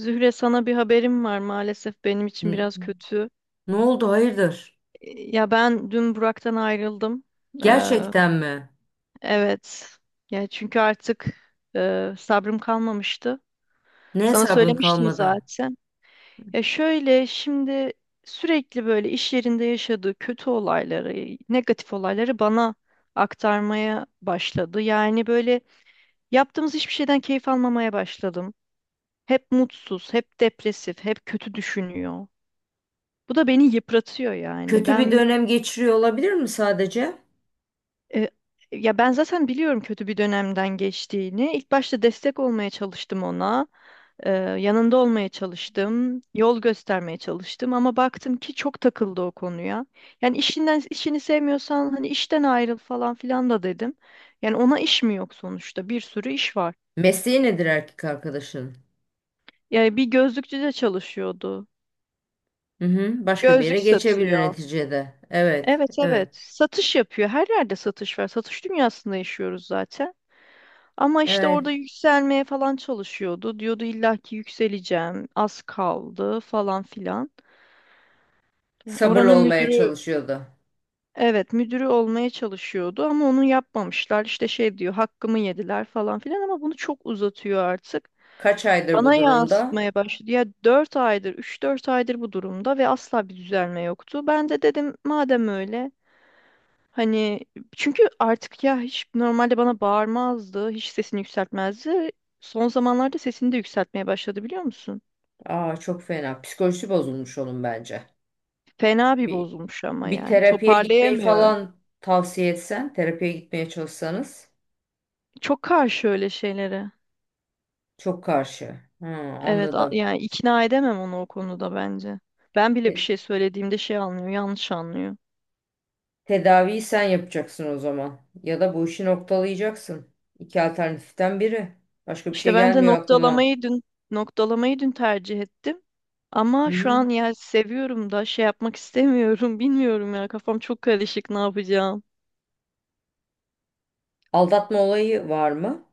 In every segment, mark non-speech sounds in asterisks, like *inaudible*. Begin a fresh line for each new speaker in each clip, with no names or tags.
Zühre sana bir haberim var maalesef benim için
N-
biraz kötü.
Ne oldu hayırdır?
E, Ya ben dün Burak'tan ayrıldım. Ee,
Gerçekten mi?
evet. Ya çünkü artık sabrım kalmamıştı.
Neye
Sana
sabrın
söylemiştim
kalmadı?
zaten. Ya şöyle şimdi sürekli böyle iş yerinde yaşadığı kötü olayları, negatif olayları bana aktarmaya başladı. Yani böyle yaptığımız hiçbir şeyden keyif almamaya başladım. Hep mutsuz, hep depresif, hep kötü düşünüyor. Bu da beni yıpratıyor yani.
Kötü bir dönem geçiriyor olabilir mi sadece?
E, Ya ben zaten biliyorum kötü bir dönemden geçtiğini. İlk başta destek olmaya çalıştım ona. E, Yanında olmaya çalıştım. Yol göstermeye çalıştım ama baktım ki çok takıldı o konuya. Yani işinden işini sevmiyorsan hani işten ayrıl falan filan da dedim. Yani ona iş mi yok sonuçta? Bir sürü iş var.
Mesleği nedir erkek arkadaşın?
Yani bir gözlükçü de çalışıyordu.
Hı hı, başka bir
Gözlük
yere geçebilir
satıyor.
neticede. Evet,
Evet, evet.
evet,
Satış yapıyor. Her yerde satış var. Satış dünyasında yaşıyoruz zaten. Ama işte orada
evet.
yükselmeye falan çalışıyordu. Diyordu illa ki yükseleceğim, az kaldı falan filan. Yani
Sabırlı
oranın
olmaya
müdürü,
çalışıyordu.
evet müdürü olmaya çalışıyordu ama onu yapmamışlar. İşte şey diyor hakkımı yediler falan filan ama bunu çok uzatıyor artık.
Kaç aydır
Bana
bu durumda?
yansıtmaya başladı. Ya 4 aydır, 3-4 aydır bu durumda ve asla bir düzelme yoktu. Ben de dedim madem öyle. Hani çünkü artık ya hiç normalde bana bağırmazdı, hiç sesini yükseltmezdi. Son zamanlarda sesini de yükseltmeye başladı biliyor musun?
Aa çok fena. Psikolojisi bozulmuş onun bence.
Fena bir
Bir,
bozulmuş ama
bir
yani
terapiye gitmeyi
toparlayamıyorum.
falan tavsiye etsen, terapiye gitmeye çalışsanız
Çok karşı öyle şeylere.
çok karşı. Hı,
Evet,
anladım.
yani ikna edemem onu o konuda bence. Ben bile bir
E,
şey söylediğimde şey anlıyor, yanlış anlıyor.
Tedaviyi sen yapacaksın o zaman. Ya da bu işi noktalayacaksın. İki alternatiften biri. Başka bir şey
İşte ben de
gelmiyor aklıma.
noktalamayı dün tercih ettim.
Hı
Ama şu
hı.
an ya seviyorum da şey yapmak istemiyorum. *laughs* Bilmiyorum ya kafam çok karışık ne yapacağım.
Aldatma olayı var mı?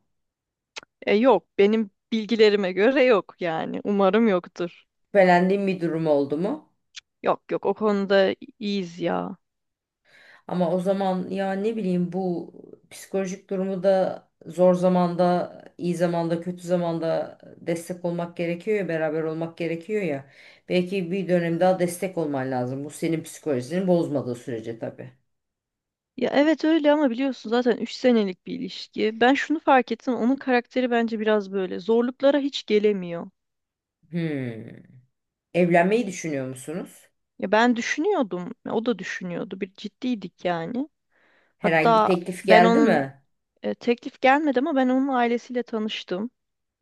Yok benim bilgilerime göre yok yani. Umarım yoktur.
Şüphelendiğin bir durum oldu mu?
Yok, yok, o konuda iyiyiz ya.
Ama o zaman ya ne bileyim bu psikolojik durumu da zor zamanda, iyi zamanda, kötü zamanda destek olmak gerekiyor ya, beraber olmak gerekiyor ya. Belki bir dönem daha destek olman lazım. Bu senin psikolojini bozmadığı sürece tabii.
Ya evet öyle ama biliyorsun zaten 3 senelik bir ilişki. Ben şunu fark ettim onun karakteri bence biraz böyle zorluklara hiç gelemiyor.
Hmm. Evlenmeyi düşünüyor musunuz?
Ya ben düşünüyordum o da düşünüyordu bir ciddiydik yani.
Herhangi bir
Hatta
teklif
ben
geldi
onun
mi?
teklif gelmedi ama ben onun ailesiyle tanıştım.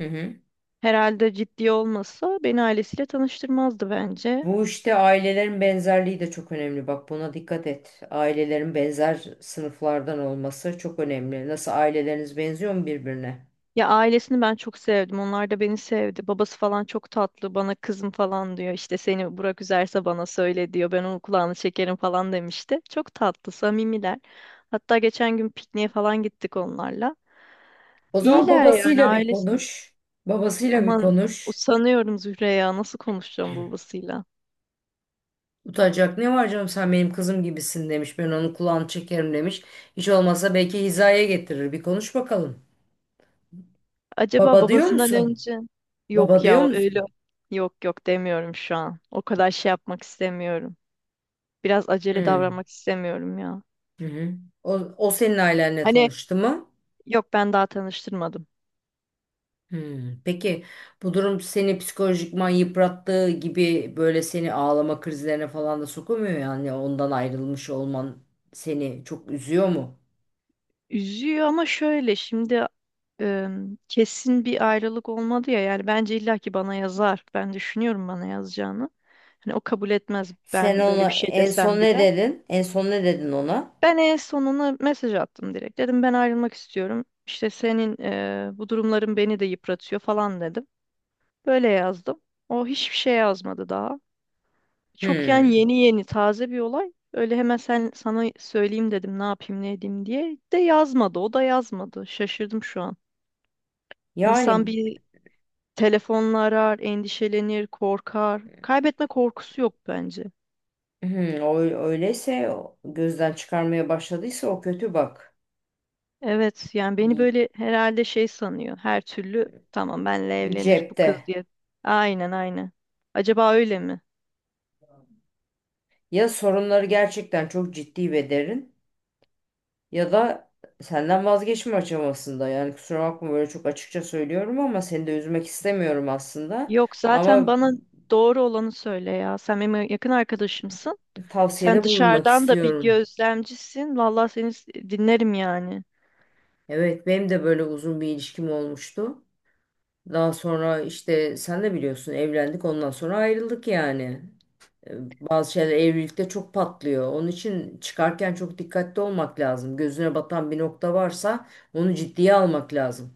Hı hı.
Herhalde ciddi olmasa beni ailesiyle tanıştırmazdı bence.
Bu işte ailelerin benzerliği de çok önemli. Bak buna dikkat et. Ailelerin benzer sınıflardan olması çok önemli. Nasıl aileleriniz benziyor mu birbirine?
Ya ailesini ben çok sevdim. Onlar da beni sevdi. Babası falan çok tatlı. Bana kızım falan diyor. İşte seni Burak üzerse bana söyle diyor. Ben onun kulağını çekerim falan demişti. Çok tatlı, samimiler. Hatta geçen gün pikniğe falan gittik onlarla.
O zaman
İyiler yani
babasıyla bir
ailesi.
konuş. Babasıyla bir
Aman
konuş.
sanıyorum Zühre ya nasıl konuşacağım babasıyla.
Utanacak ne var canım, sen benim kızım gibisin demiş. Ben onun kulağını çekerim demiş. Hiç olmazsa belki hizaya getirir. Bir konuş bakalım.
Acaba
Baba diyor
babasından
musun?
önce
Baba
yok ya
diyor
o öyle.
musun?
Yok, yok, demiyorum şu an. O kadar şey yapmak istemiyorum. Biraz
Hı
acele
hı.
davranmak istemiyorum ya.
Hı. O, o senin ailenle
Hani
tanıştı mı?
yok ben daha tanıştırmadım.
Hmm. Peki bu durum seni psikolojikman yıprattığı gibi böyle seni ağlama krizlerine falan da sokamıyor yani ondan ayrılmış olman seni çok üzüyor mu?
Üzüyor ama şöyle şimdi e, kesin bir ayrılık olmadı ya yani bence illaki bana yazar. Ben düşünüyorum bana yazacağını. Hani o kabul etmez
Sen
ben böyle
ona
bir şey
en son
desem
ne
bile.
dedin? En son ne dedin ona?
Ben en sonuna mesaj attım direkt. Dedim ben ayrılmak istiyorum. İşte senin bu durumların beni de yıpratıyor falan dedim. Böyle yazdım. O hiçbir şey yazmadı daha. Çok yani
Hmm.
yeni yeni taze bir olay. Öyle hemen sen sana söyleyeyim dedim ne yapayım ne edeyim diye. De yazmadı. O da yazmadı. Şaşırdım şu an. İnsan
Yani
bir telefonla arar, endişelenir, korkar. Kaybetme korkusu yok bence.
hmm, öyleyse gözden çıkarmaya başladıysa o kötü bak.
Evet yani beni
Y-
böyle herhalde şey sanıyor. Her türlü tamam benle evlenir bu
Cepte.
kız diye. Aynen, aynen. Acaba öyle mi?
Ya sorunları gerçekten çok ciddi ve derin, ya da senden vazgeçme aşamasında. Yani kusura bakma böyle çok açıkça söylüyorum ama seni de üzmek istemiyorum aslında.
Yok zaten
Ama
bana doğru olanı söyle ya. Sen benim yakın arkadaşımsın. Sen
tavsiyede bulunmak
dışarıdan da bir
istiyorum.
gözlemcisin. Vallahi seni dinlerim yani.
Evet, benim de böyle uzun bir ilişkim olmuştu. Daha sonra işte sen de biliyorsun, evlendik ondan sonra ayrıldık yani. E, Bazı şeyler evlilikte çok patlıyor. Onun için çıkarken çok dikkatli olmak lazım. Gözüne batan bir nokta varsa onu ciddiye almak lazım.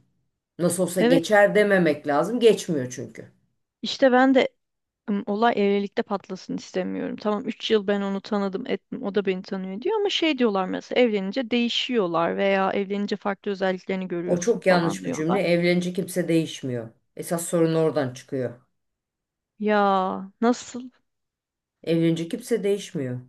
Nasıl olsa
Evet,
geçer dememek lazım. Geçmiyor çünkü.
işte ben de olay evlilikte patlasın istemiyorum. Tamam 3 yıl ben onu tanıdım, ettim. O da beni tanıyor diyor ama şey diyorlar mesela evlenince değişiyorlar veya evlenince farklı özelliklerini
O
görüyorsun
çok
falan
yanlış bir cümle.
diyorlar.
Evlenince kimse değişmiyor. Esas sorun oradan çıkıyor.
Ya nasıl?
Evlenince kimse değişmiyor.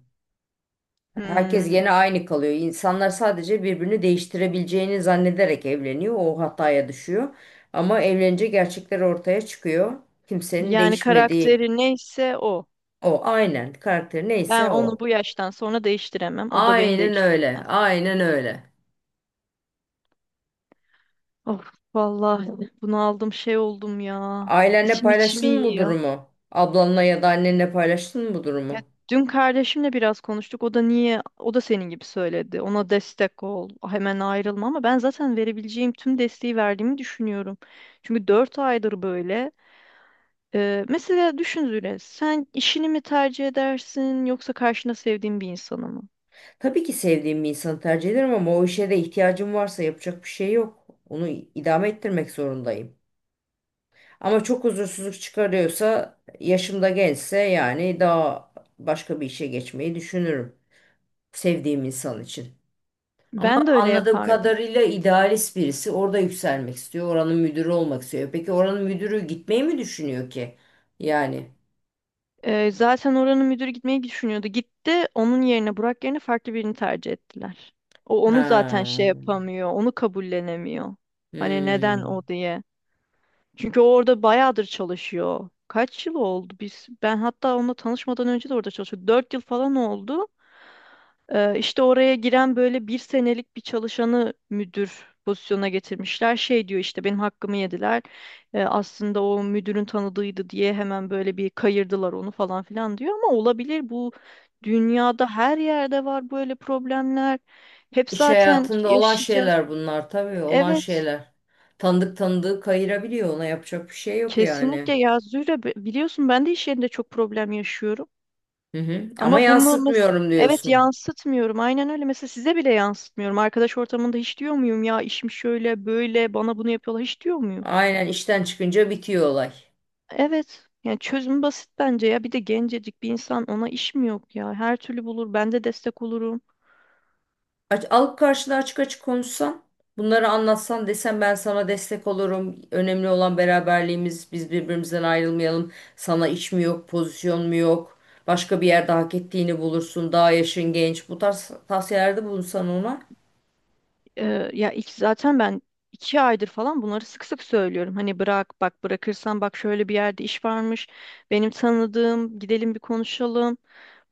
Herkes
Hmm.
gene aynı kalıyor. İnsanlar sadece birbirini değiştirebileceğini zannederek evleniyor. O hataya düşüyor. Ama evlenince gerçekler ortaya çıkıyor. Kimsenin
Yani
değişmediği
karakteri neyse o.
o. Aynen. Karakter
Ben
neyse
onu
o.
bu yaştan sonra değiştiremem. O da beni
Aynen öyle.
değiştiremez.
Aynen öyle.
Of vallahi bunaldım şey oldum ya.
Ailenle
İçim içimi
paylaştın mı bu
yiyor.
durumu? Ablanla ya da annenle paylaştın mı bu
Ya
durumu?
dün kardeşimle biraz konuştuk. O da niye, o da senin gibi söyledi. Ona destek ol, hemen ayrılma ama ben zaten verebileceğim tüm desteği verdiğimi düşünüyorum. Çünkü 4 aydır böyle. Mesela düşün Züre, sen işini mi tercih edersin yoksa karşında sevdiğin bir insanı mı?
Tabii ki sevdiğim bir insanı tercih ederim ama o işe de ihtiyacım varsa yapacak bir şey yok. Onu idame ettirmek zorundayım. Ama çok huzursuzluk çıkarıyorsa, yaşımda gençse yani daha başka bir işe geçmeyi düşünürüm sevdiğim insan için. Ama
Ben de öyle
anladığım
yapardım.
kadarıyla idealist birisi, orada yükselmek istiyor, oranın müdürü olmak istiyor. Peki oranın müdürü gitmeyi mi düşünüyor ki? Yani.
Zaten oranın müdürü gitmeyi düşünüyordu. Gitti, onun yerine Burak yerine farklı birini tercih ettiler. O onu zaten
Ha.
şey yapamıyor, onu kabullenemiyor. Hani neden
Hmm.
o diye. Çünkü o orada bayağıdır çalışıyor. Kaç yıl oldu? Biz ben hatta onunla tanışmadan önce de orada çalışıyordu. 4 yıl falan oldu. İşte oraya giren böyle bir senelik bir çalışanı müdür pozisyonuna getirmişler. Şey diyor işte benim hakkımı yediler. Aslında o müdürün tanıdığıydı diye hemen böyle bir kayırdılar onu falan filan diyor. Ama olabilir bu dünyada her yerde var böyle problemler. Hep
İş
zaten
hayatında olan
yaşayacağız.
şeyler bunlar, tabii olan
Evet.
şeyler. Tanıdığı kayırabiliyor, ona yapacak bir şey yok
Kesinlikle
yani.
ya Zühre, biliyorsun ben de iş yerinde çok problem yaşıyorum.
Hı hı. Ama
Ama bunu mesela
yansıtmıyorum
evet
diyorsun.
yansıtmıyorum. Aynen öyle. Mesela size bile yansıtmıyorum. Arkadaş ortamında hiç diyor muyum ya işim şöyle böyle bana bunu yapıyorlar hiç diyor muyum?
Aynen, işten çıkınca bitiyor olay.
Evet. Yani çözüm basit bence ya. Bir de gencecik bir insan ona iş mi yok ya? Her türlü bulur. Ben de destek olurum.
Aç, alıp karşına açık açık konuşsan, bunları anlatsan, desen ben sana destek olurum. Önemli olan beraberliğimiz. Biz birbirimizden ayrılmayalım. Sana iş mi yok, pozisyon mu yok? Başka bir yerde hak ettiğini bulursun. Daha yaşın genç. Bu tarz tavsiyelerde bulunsan ona.
Ya ilk zaten ben 2 aydır falan bunları sık sık söylüyorum. Hani bırak bak bırakırsan bak şöyle bir yerde iş varmış. Benim tanıdığım gidelim bir konuşalım.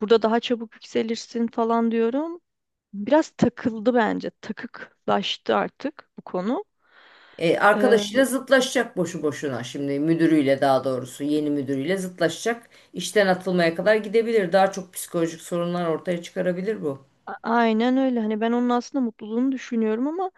Burada daha çabuk yükselirsin falan diyorum. Biraz takıldı bence. Takıklaştı artık bu konu. Eee,
Arkadaşıyla zıtlaşacak boşu boşuna, şimdi müdürüyle, daha doğrusu yeni müdürüyle zıtlaşacak. İşten atılmaya kadar gidebilir. Daha çok psikolojik sorunlar ortaya çıkarabilir bu.
aynen öyle. Hani ben onun aslında mutluluğunu düşünüyorum ama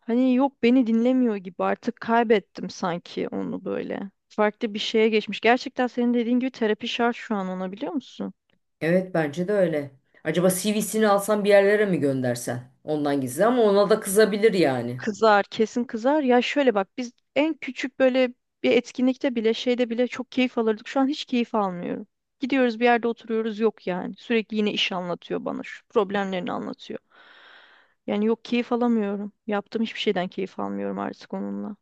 hani yok beni dinlemiyor gibi artık kaybettim sanki onu böyle. Farklı bir şeye geçmiş. Gerçekten senin dediğin gibi terapi şart şu an ona biliyor musun?
Evet bence de öyle. Acaba CV'sini alsan bir yerlere mi göndersen? Ondan gizli ama ona da kızabilir yani.
Kızar, kesin kızar. Ya şöyle bak biz en küçük böyle bir etkinlikte bile şeyde bile çok keyif alırdık. Şu an hiç keyif almıyorum. Gidiyoruz bir yerde oturuyoruz yok yani. Sürekli yine iş anlatıyor bana şu problemlerini anlatıyor. Yani yok keyif alamıyorum. Yaptığım hiçbir şeyden keyif almıyorum artık onunla.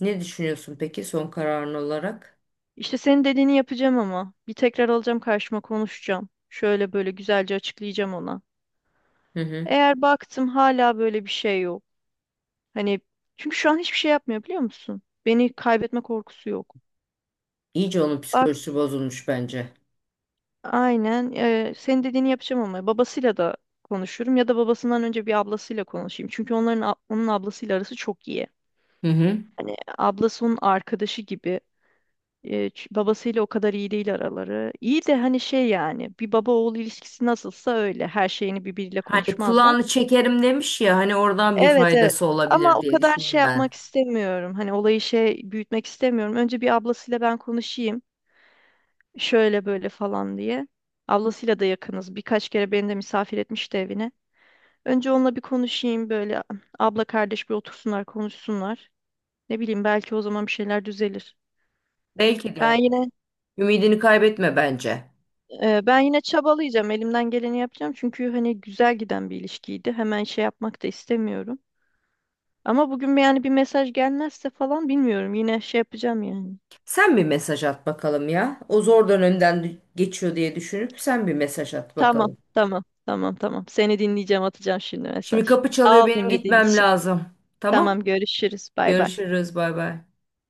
Ne düşünüyorsun peki son kararın olarak?
İşte senin dediğini yapacağım ama bir tekrar alacağım karşıma konuşacağım. Şöyle böyle güzelce açıklayacağım ona.
Hı hı.
Eğer baktım hala böyle bir şey yok. Hani çünkü şu an hiçbir şey yapmıyor biliyor musun? Beni kaybetme korkusu yok.
İyice onun
Bak
psikolojisi bozulmuş bence.
aynen senin dediğini yapacağım ama babasıyla da konuşurum ya da babasından önce bir ablasıyla konuşayım. Çünkü onun ablasıyla arası çok iyi.
Hı hı.
Hani ablası onun arkadaşı gibi. Babasıyla o kadar iyi değil araları. İyi de hani şey yani bir baba oğul ilişkisi nasılsa öyle. Her şeyini birbiriyle
Hani
konuşmazlar.
kulağını çekerim demiş ya, hani oradan bir
Evet, evet.
faydası
Ama
olabilir
o
diye
kadar şey
düşündüm ben.
yapmak istemiyorum. Hani olayı şey büyütmek istemiyorum. Önce bir ablasıyla ben konuşayım. Şöyle böyle falan diye. Ablasıyla da yakınız. Birkaç kere beni de misafir etmişti evine. Önce onunla bir konuşayım böyle abla kardeş bir otursunlar konuşsunlar. Ne bileyim belki o zaman bir şeyler düzelir.
Belki
Ben
de.
yine
Ümidini kaybetme bence.
Ben yine çabalayacağım. Elimden geleni yapacağım. Çünkü hani güzel giden bir ilişkiydi. Hemen şey yapmak da istemiyorum. Ama bugün yani bir mesaj gelmezse falan bilmiyorum. Yine şey yapacağım yani.
Sen bir mesaj at bakalım ya. O zor dönemden geçiyor diye düşünüp sen bir mesaj at
Tamam,
bakalım.
tamam, tamam, tamam. Seni dinleyeceğim, atacağım şimdi
Şimdi
mesaj.
kapı çalıyor,
Sağ ol
benim
dinlediğin
gitmem
için.
lazım. Tamam.
Tamam, görüşürüz. Bay bay.
Görüşürüz, bay bay.